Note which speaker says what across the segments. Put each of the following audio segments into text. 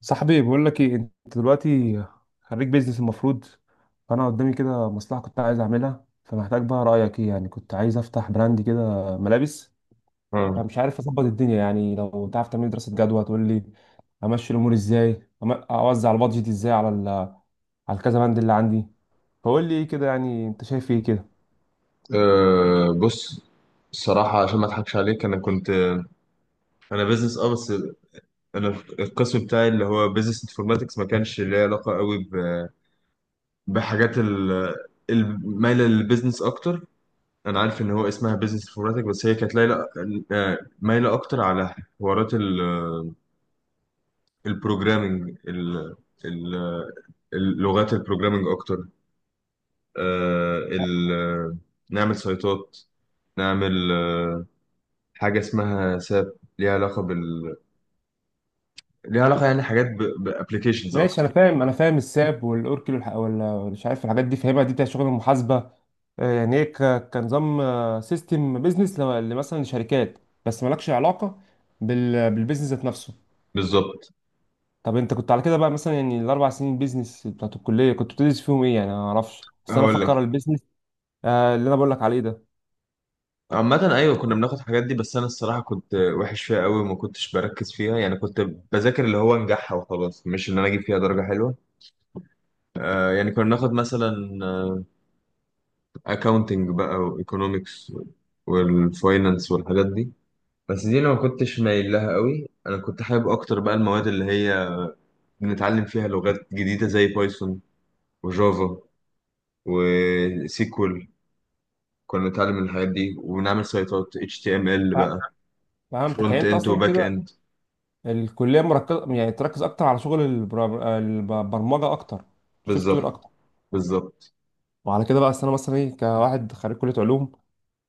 Speaker 1: صاحبي بقول لك ايه انت دلوقتي؟ خريج بيزنس المفروض. فانا قدامي كده مصلحه كنت عايز اعملها، فمحتاج بقى رايك ايه. يعني كنت عايز افتح براند كده ملابس،
Speaker 2: مم.
Speaker 1: فمش عارف اظبط الدنيا. يعني لو تعرف تعمل دراسه جدوى تقول لي امشي الامور ازاي، اوزع البادجت ازاي على على الكذا بند اللي عندي. فقول لي ايه كده، يعني انت شايف ايه كده.
Speaker 2: بص، الصراحة عشان ما اضحكش عليك، انا بيزنس بس. انا القسم بتاعي اللي هو بيزنس انفورماتكس ما كانش ليه علاقة قوي بحاجات ال- المايلة للبيزنس اكتر. انا عارف ان هو اسمها بيزنس انفورماتكس، بس هي كانت لايلة، مايلة اكتر على حوارات البروجرامينج، اللغات البروجرامينج اكتر. أه ال- نعمل سايتات، نعمل حاجة اسمها ساب، ليها علاقة بال ليها علاقة يعني حاجات بابلكيشنز
Speaker 1: ماشي، انا
Speaker 2: اكتر.
Speaker 1: فاهم انا فاهم الساب والاوركل ولا مش عارف الحاجات دي، فاهمها دي بتاع شغل المحاسبه. آه، يعني ايه، كنظام سيستم بيزنس مثلا لشركات، بس مالكش علاقه بالبيزنس ذات نفسه.
Speaker 2: بالظبط.
Speaker 1: طب انت كنت على كده بقى، مثلا يعني الاربع سنين بيزنس بتاعت الكليه كنت بتدرس فيهم ايه؟ يعني انا ما اعرفش، بس انا
Speaker 2: هقول لك،
Speaker 1: افكر البيزنس آه، اللي انا بقول لك عليه ده.
Speaker 2: عامة ايوه كنا بناخد الحاجات دي، بس انا الصراحة كنت وحش فيها قوي وما كنتش بركز فيها، يعني كنت بذاكر اللي هو انجحها وخلاص، مش ان انا اجيب فيها درجة حلوة. آه يعني كنا بناخد مثلا اكاونتنج بقى، وايكونومكس، والفاينانس، والحاجات دي. بس دي انا ما كنتش مايل لها قوي، انا كنت حابب اكتر بقى المواد اللي هي بنتعلم فيها لغات جديدة زي بايثون، وجافا، وسيكول. كنا بنتعلم من الحاجات دي، ونعمل سيطات HTML
Speaker 1: ف-
Speaker 2: بقى،
Speaker 1: فهمتك، يعني
Speaker 2: فرونت
Speaker 1: انت
Speaker 2: اند
Speaker 1: اصلا
Speaker 2: وباك
Speaker 1: كده
Speaker 2: اند.
Speaker 1: الكليه مركزه، يعني تركز اكتر على شغل البرمجه اكتر، سوفت وير
Speaker 2: بالظبط،
Speaker 1: اكتر.
Speaker 2: بالظبط.
Speaker 1: وعلى كده بقى، أصل انا مثلا ايه كواحد خريج كليه علوم،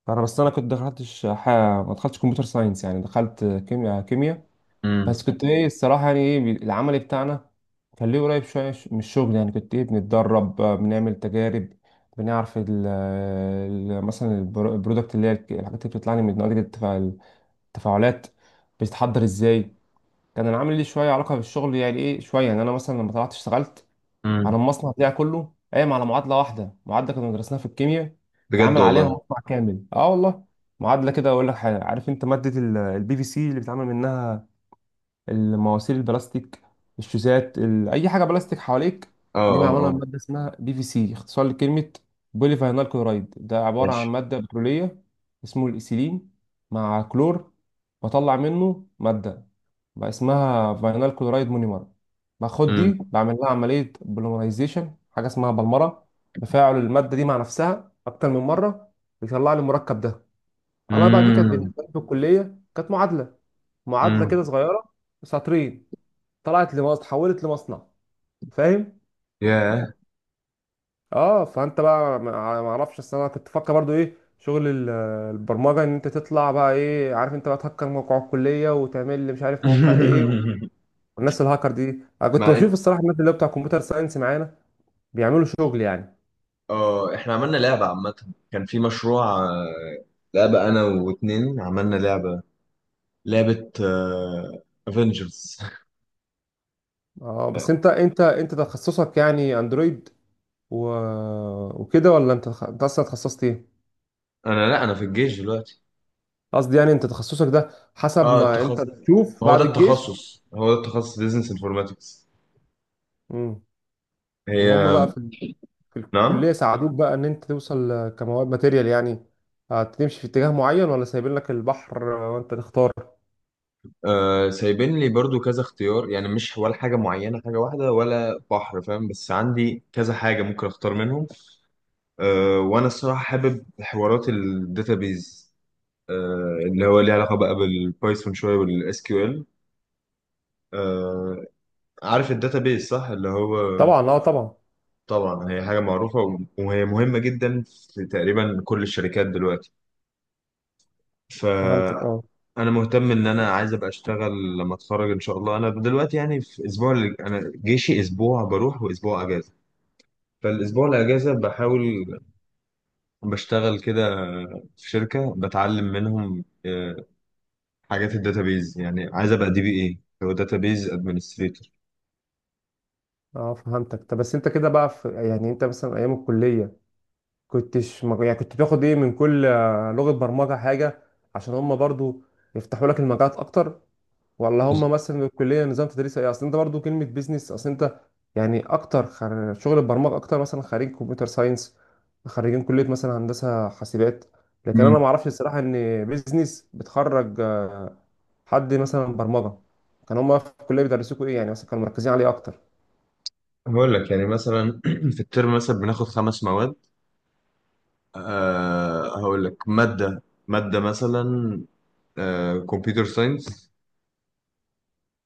Speaker 1: انا بس انا كنت ما دخلتش كمبيوتر ساينس، يعني دخلت كيمياء كيمياء.
Speaker 2: امم.
Speaker 1: بس كنت ايه الصراحه، يعني ايه، العمل بتاعنا كان ليه قريب شويه من الشغل. يعني كنت ايه بنتدرب، آه، بنعمل تجارب، بنعرف مثلا البرودكت اللي هي الحاجات اللي بتطلع لي من نتيجه التفاعلات بتتحضر ازاي. كان العمل ليه شويه علاقه بالشغل، يعني ايه شويه. يعني انا مثلا لما طلعت اشتغلت،
Speaker 2: امم.
Speaker 1: عن المصنع بتاعي كله قايم على معادله واحده، معادله كنا درسناها في الكيمياء
Speaker 2: بجد
Speaker 1: اتعمل عليها
Speaker 2: والله.
Speaker 1: مصنع كامل، اه والله. معادله كده، اقول لك حاجه، عارف انت ماده البي في سي اللي بيتعمل منها المواسير البلاستيك، الشوزات، اي حاجه بلاستيك حواليك؟
Speaker 2: اه،
Speaker 1: دي
Speaker 2: اه،
Speaker 1: معموله من
Speaker 2: اه.
Speaker 1: ماده اسمها بي في سي، اختصار لكلمه بولي فاينال كلورايد. ده عباره عن
Speaker 2: ماشي.
Speaker 1: ماده بتروليه اسمه الايثيلين، مع كلور بطلع منه ماده بقى اسمها فاينال كلورايد مونيمر. باخد دي
Speaker 2: امم.
Speaker 1: بعمل لها عمليه بوليمرايزيشن، حاجه اسمها بلمره، تفاعل الماده دي مع نفسها اكتر من مره، بيطلع لي المركب ده. انا بقى دي كانت
Speaker 2: امم.
Speaker 1: بالنسبه لي في الكليه كانت معادله، معادله
Speaker 2: امم.
Speaker 1: كده صغيره، سطرين، طلعت لمصنع، اتحولت لمصنع، فاهم.
Speaker 2: ياه.
Speaker 1: اه، فانت بقى ما اعرفش، اصل انا كنت بفكر برضو ايه شغل البرمجه، ان انت تطلع بقى ايه، عارف، انت بقى تهكر موقع الكليه وتعمل لي مش عارف موقع ايه، والناس الهاكر دي. انا كنت
Speaker 2: مع ان،
Speaker 1: بشوف الصراحه الناس اللي هو بتاع كمبيوتر ساينس معانا بيعملوا شغل يعني.
Speaker 2: اه احنا عملنا لعبة. عامة كان في مشروع، آه، لعبة، انا واتنين عملنا لعبة، لعبة افنجرز.
Speaker 1: اه، بس انت تخصصك يعني اندرويد و... وكده، ولا انت انت اصلا تخصصت ايه؟
Speaker 2: لا، انا في الجيش دلوقتي.
Speaker 1: قصدي يعني انت تخصصك ده حسب
Speaker 2: اه،
Speaker 1: ما انت
Speaker 2: التخصص،
Speaker 1: بتشوف
Speaker 2: ما هو ده
Speaker 1: بعد الجيش.
Speaker 2: التخصص، هو ده التخصص بيزنس انفورماتكس.
Speaker 1: امم.
Speaker 2: هي.
Speaker 1: وهم بقى في
Speaker 2: نعم.
Speaker 1: الكلية ساعدوك بقى إن أنت توصل آه، كمواد ماتيريال يعني هتمشي في اتجاه معين، ولا سايبين لك البحر آه، وأنت تختار؟
Speaker 2: آه، سايبين لي برضو كذا اختيار، يعني مش ولا حاجة معينة، حاجة واحدة ولا بحر، فاهم؟ بس عندي كذا حاجة ممكن اختار منهم. آه، وانا الصراحة حابب حوارات الداتابيز، آه، اللي هو ليه علاقة بقى بالبايثون شوية والاس كيو ال. آه، عارف الداتابيز صح؟ اللي هو
Speaker 1: طبعا، طبعا.
Speaker 2: طبعا هي حاجة معروفة، وهي مهمة جدا في تقريبا كل الشركات دلوقتي. ف
Speaker 1: فهمتك، أه.
Speaker 2: انا مهتم ان انا عايز ابقى اشتغل لما اتخرج ان شاء الله. انا دلوقتي يعني في اسبوع، انا جيشي اسبوع بروح واسبوع اجازه، فالاسبوع الاجازه بحاول بشتغل كده في شركه بتعلم منهم حاجات الداتابيز، يعني عايز ابقى دي بي اي، هو داتابيز ادمنستريتور.
Speaker 1: أه، فهمتك. طب بس أنت كده بقى في، يعني أنت مثلا أيام الكلية يعني كنت بتاخد إيه من كل آه، لغة برمجة حاجة؟ عشان هما برضو يفتحوا لك المجالات أكتر، ولا هم مثلا الكليه نظام تدريس ايه؟ اصل انت برضو كلمه بيزنس، اصل انت يعني اكتر شغل البرمجه اكتر مثلا خريج كمبيوتر ساينس، خريجين كليه مثلا هندسه حاسبات. لكن
Speaker 2: مم.
Speaker 1: انا ما اعرفش الصراحه ان بيزنس بتخرج آه، حد مثلا برمجه. كان هم في الكليه بيدرسوكوا ايه يعني، مثلا كانوا مركزين عليه اكتر؟
Speaker 2: هقول لك، يعني مثلا في الترم مثلا بناخد خمس مواد. هقول لك ماده، مثلا كمبيوتر ساينس،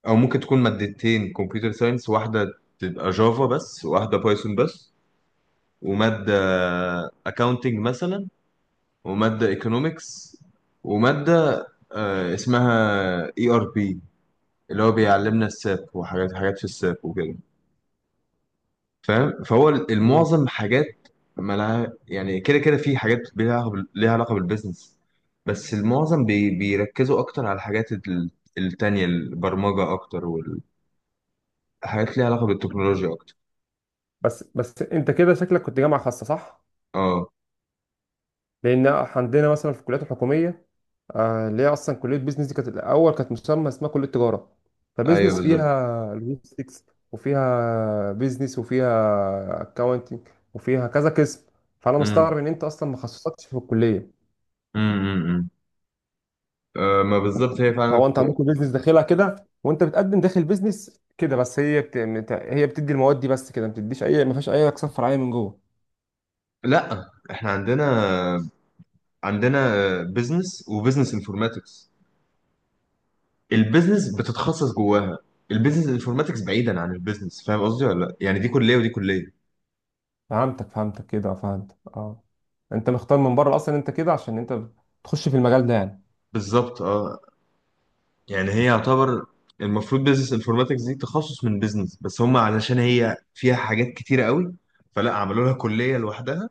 Speaker 2: او ممكن تكون مادتين كمبيوتر ساينس، واحده تبقى جافا بس، واحده بايثون بس، وماده اكاونتنج مثلا، وماده ايكونومكس، وماده اسمها اي ار بي، اللي هو بيعلمنا الساب وحاجات، في الساب وكده، فاهم؟ فهو
Speaker 1: مم.
Speaker 2: المعظم حاجات مالها يعني، كده كده في حاجات ليها علاقه ليها علاقة بالبيزنس. بس المعظم بيركزوا اكتر على الحاجات، التانية، البرمجه اكتر، والحاجات ليها علاقه بالتكنولوجيا اكتر.
Speaker 1: بس انت كده شكلك كنت جامعه خاصه، صح؟
Speaker 2: اه،
Speaker 1: لان عندنا مثلا في الكليات الحكوميه، آه، اللي هي اصلا كليه بيزنس دي كانت الاول كانت مسمى اسمها كليه تجاره.
Speaker 2: ايوه
Speaker 1: فبيزنس
Speaker 2: بالظبط.
Speaker 1: فيها لوجيستكس، وفيها بيزنس، وفيها اكاونتنج، وفيها كذا قسم. فانا
Speaker 2: امم.
Speaker 1: مستغرب ان انت اصلا ما خصصتش في الكليه.
Speaker 2: امم. امم. أه ما بالظبط، هي فعلا
Speaker 1: فهو انت
Speaker 2: ك...
Speaker 1: عندكم بيزنس داخلها كده، وانت بتقدم داخل بيزنس كده، بس هي هي بتدي المواد دي بس كده، ما بتديش اي، ما فيهاش اي اقسام فرعيه من جوه؟
Speaker 2: لا، احنا عندنا، عندنا بزنس وبزنس انفورماتكس. البيزنس بتتخصص جواها، البيزنس انفورماتكس بعيدا عن البيزنس، فاهم قصدي ولا لا؟ يعني دي كليه ودي كليه.
Speaker 1: فهمتك كده، فهمت اه. انت مختار من بره اصلا انت كده عشان انت بتخش في المجال ده يعني.
Speaker 2: بالظبط، اه، يعني هي يعتبر، المفروض بيزنس انفورماتكس دي تخصص من بيزنس، بس هم علشان هي فيها حاجات كتيره قوي فلا عملوا لها كليه لوحدها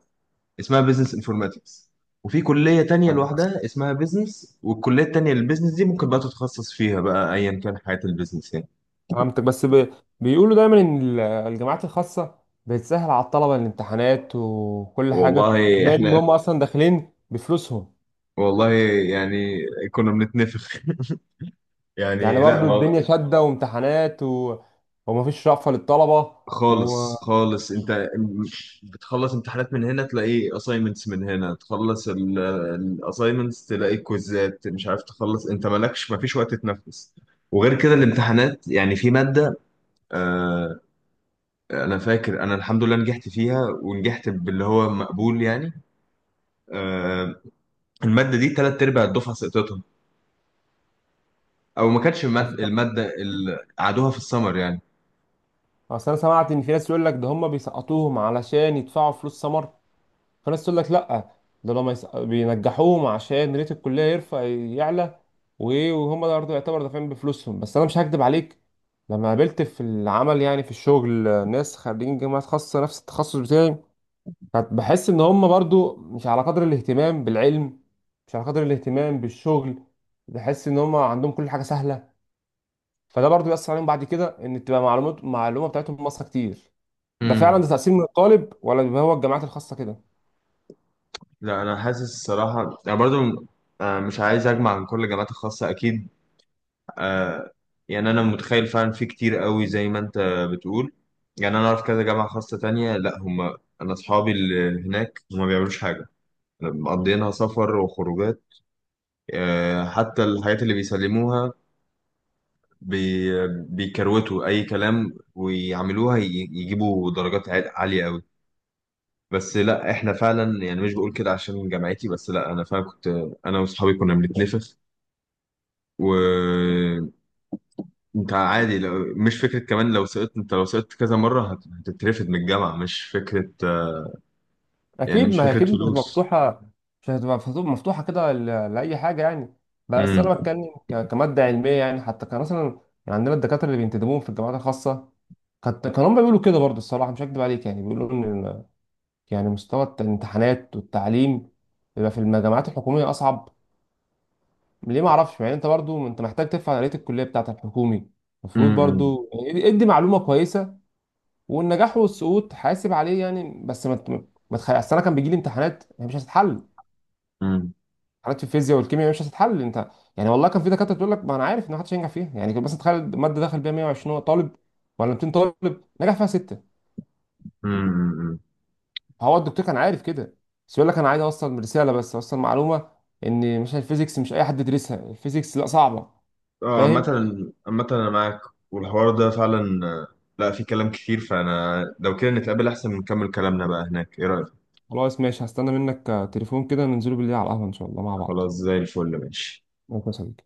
Speaker 2: اسمها بيزنس انفورماتكس، وفي كلية تانية
Speaker 1: فهمت،
Speaker 2: لوحدها اسمها بيزنس، والكلية التانية للبيزنس دي ممكن بقى تتخصص فيها بقى ايا كان حياة البيزنس يعني.
Speaker 1: فهمتك. بس بيقولوا دايما ان الجامعات الخاصه بتسهل على الطلبه الامتحانات وكل حاجه،
Speaker 2: والله
Speaker 1: بما ان
Speaker 2: احنا،
Speaker 1: هم اصلا داخلين بفلوسهم.
Speaker 2: والله يعني كنا بنتنفخ.
Speaker 1: يعني
Speaker 2: يعني لا
Speaker 1: برضو
Speaker 2: ما
Speaker 1: الدنيا شاده وامتحانات و... ومفيش رأفة للطلبه،
Speaker 2: خالص
Speaker 1: و
Speaker 2: خالص، انت بتخلص امتحانات من هنا، تلاقي assignments من هنا، تخلص assignments، تلاقي كويزات مش عارف تخلص، انت مالكش، ما فيش وقت تتنفس. وغير كده الامتحانات، يعني في مادة، آه، انا فاكر انا الحمد لله نجحت فيها، ونجحت باللي هو مقبول يعني. آه، الماده دي تلات ارباع الدفعه سقطتهم، او ما كانتش الماده،
Speaker 1: اصل
Speaker 2: اللي قعدوها في السمر يعني.
Speaker 1: أصل انا سمعت ان في ناس يقول لك ده هم بيسقطوهم علشان يدفعوا فلوس سمر. فالناس تقول لك لا، ده لما بينجحوهم عشان ريت الكليه يرفع يعلى، وهم ده برضه يعتبر دافعين بفلوسهم. بس انا مش هكدب عليك، لما قابلت في العمل يعني، في الشغل ناس خريجين جامعات خاصه نفس التخصص بتاعي، كنت بحس ان هم برضه مش على قدر الاهتمام بالعلم، مش على قدر الاهتمام بالشغل. بحس ان هم عندهم كل حاجه سهله، فده برضه بيأثر عليهم بعد كده ان تبقى معلومات، المعلومه بتاعتهم ناقصه كتير. ده فعلا
Speaker 2: امم.
Speaker 1: ده تأثير من الطالب، ولا بيبقى هو الجامعات الخاصه كده؟
Speaker 2: لا، انا حاسس الصراحه، انا برضو مش عايز اجمع عن كل الجامعات الخاصه اكيد، آه، يعني انا متخيل فعلا في كتير قوي زي ما انت بتقول. يعني انا اعرف كذا جامعه خاصه تانية، لا هم، انا اصحابي اللي هناك هم ما بيعملوش حاجه، مقضيينها سفر وخروجات. حتى الحاجات اللي بيسلموها، بي بيكروتوا اي كلام ويعملوها، يجيبوا درجات عاليه قوي. بس لا، احنا فعلا، يعني مش بقول كده عشان جامعتي بس، لا انا فعلا كنت، انا واصحابي كنا بنتنفخ. وانت عادي لو مش فكره، كمان لو سقطت انت، لو سقطت كذا مره هتترفد من الجامعه، مش فكره، يعني
Speaker 1: اكيد،
Speaker 2: مش
Speaker 1: ما هي
Speaker 2: فكره
Speaker 1: اكيد مش هتبقى
Speaker 2: فلوس.
Speaker 1: مفتوحه، مش هتبقى مفتوحه كده لاي حاجه يعني. بس انا
Speaker 2: امم.
Speaker 1: بتكلم كماده علميه يعني، حتى كان مثلا، يعني عندنا الدكاتره اللي بينتدبوهم في الجامعات الخاصه، كانوا هم بيقولوا كده برضه الصراحه مش هكدب عليك، يعني بيقولوا ان يعني مستوى الامتحانات والتعليم بيبقى في الجامعات الحكوميه اصعب. ليه ما اعرفش، يعني انت برضه انت محتاج تفهم آلية الكليه بتاعت الحكومي. المفروض
Speaker 2: امم.
Speaker 1: برضه يعني ادي معلومه كويسه والنجاح والسقوط حاسب عليه يعني، بس ما ت- ما تخ- أصل انا كان بيجي لي امتحانات هي مش هتتحل،
Speaker 2: امم.
Speaker 1: حالات في الفيزياء والكيمياء مش هتتحل انت. يعني والله كان في دكاتره تقول لك ما انا عارف ان محدش هينجح فيها. يعني كان مثلا تخيل ماده دخل بيها 120 طالب، ولا 200 طالب، نجح فيها سته.
Speaker 2: امم، امم.
Speaker 1: هو الدكتور كان عارف كده، بس يقول لك انا عايز اوصل رساله، بس اوصل معلومه ان مش الفيزيكس مش اي حد يدرسها، الفيزيكس لا صعبه.
Speaker 2: اه عامة،
Speaker 1: فاهم.
Speaker 2: عامة انا معاك، والحوار ده فعلا، لا في كلام كتير. فانا لو كده نتقابل احسن، نكمل كلامنا بقى هناك، ايه رأيك؟
Speaker 1: خلاص ماشي، هستنى منك آه، تليفون كده ننزله بالليل على القهوه ان شاء الله مع بعض.
Speaker 2: خلاص زي الفل، ماشي.
Speaker 1: ممكن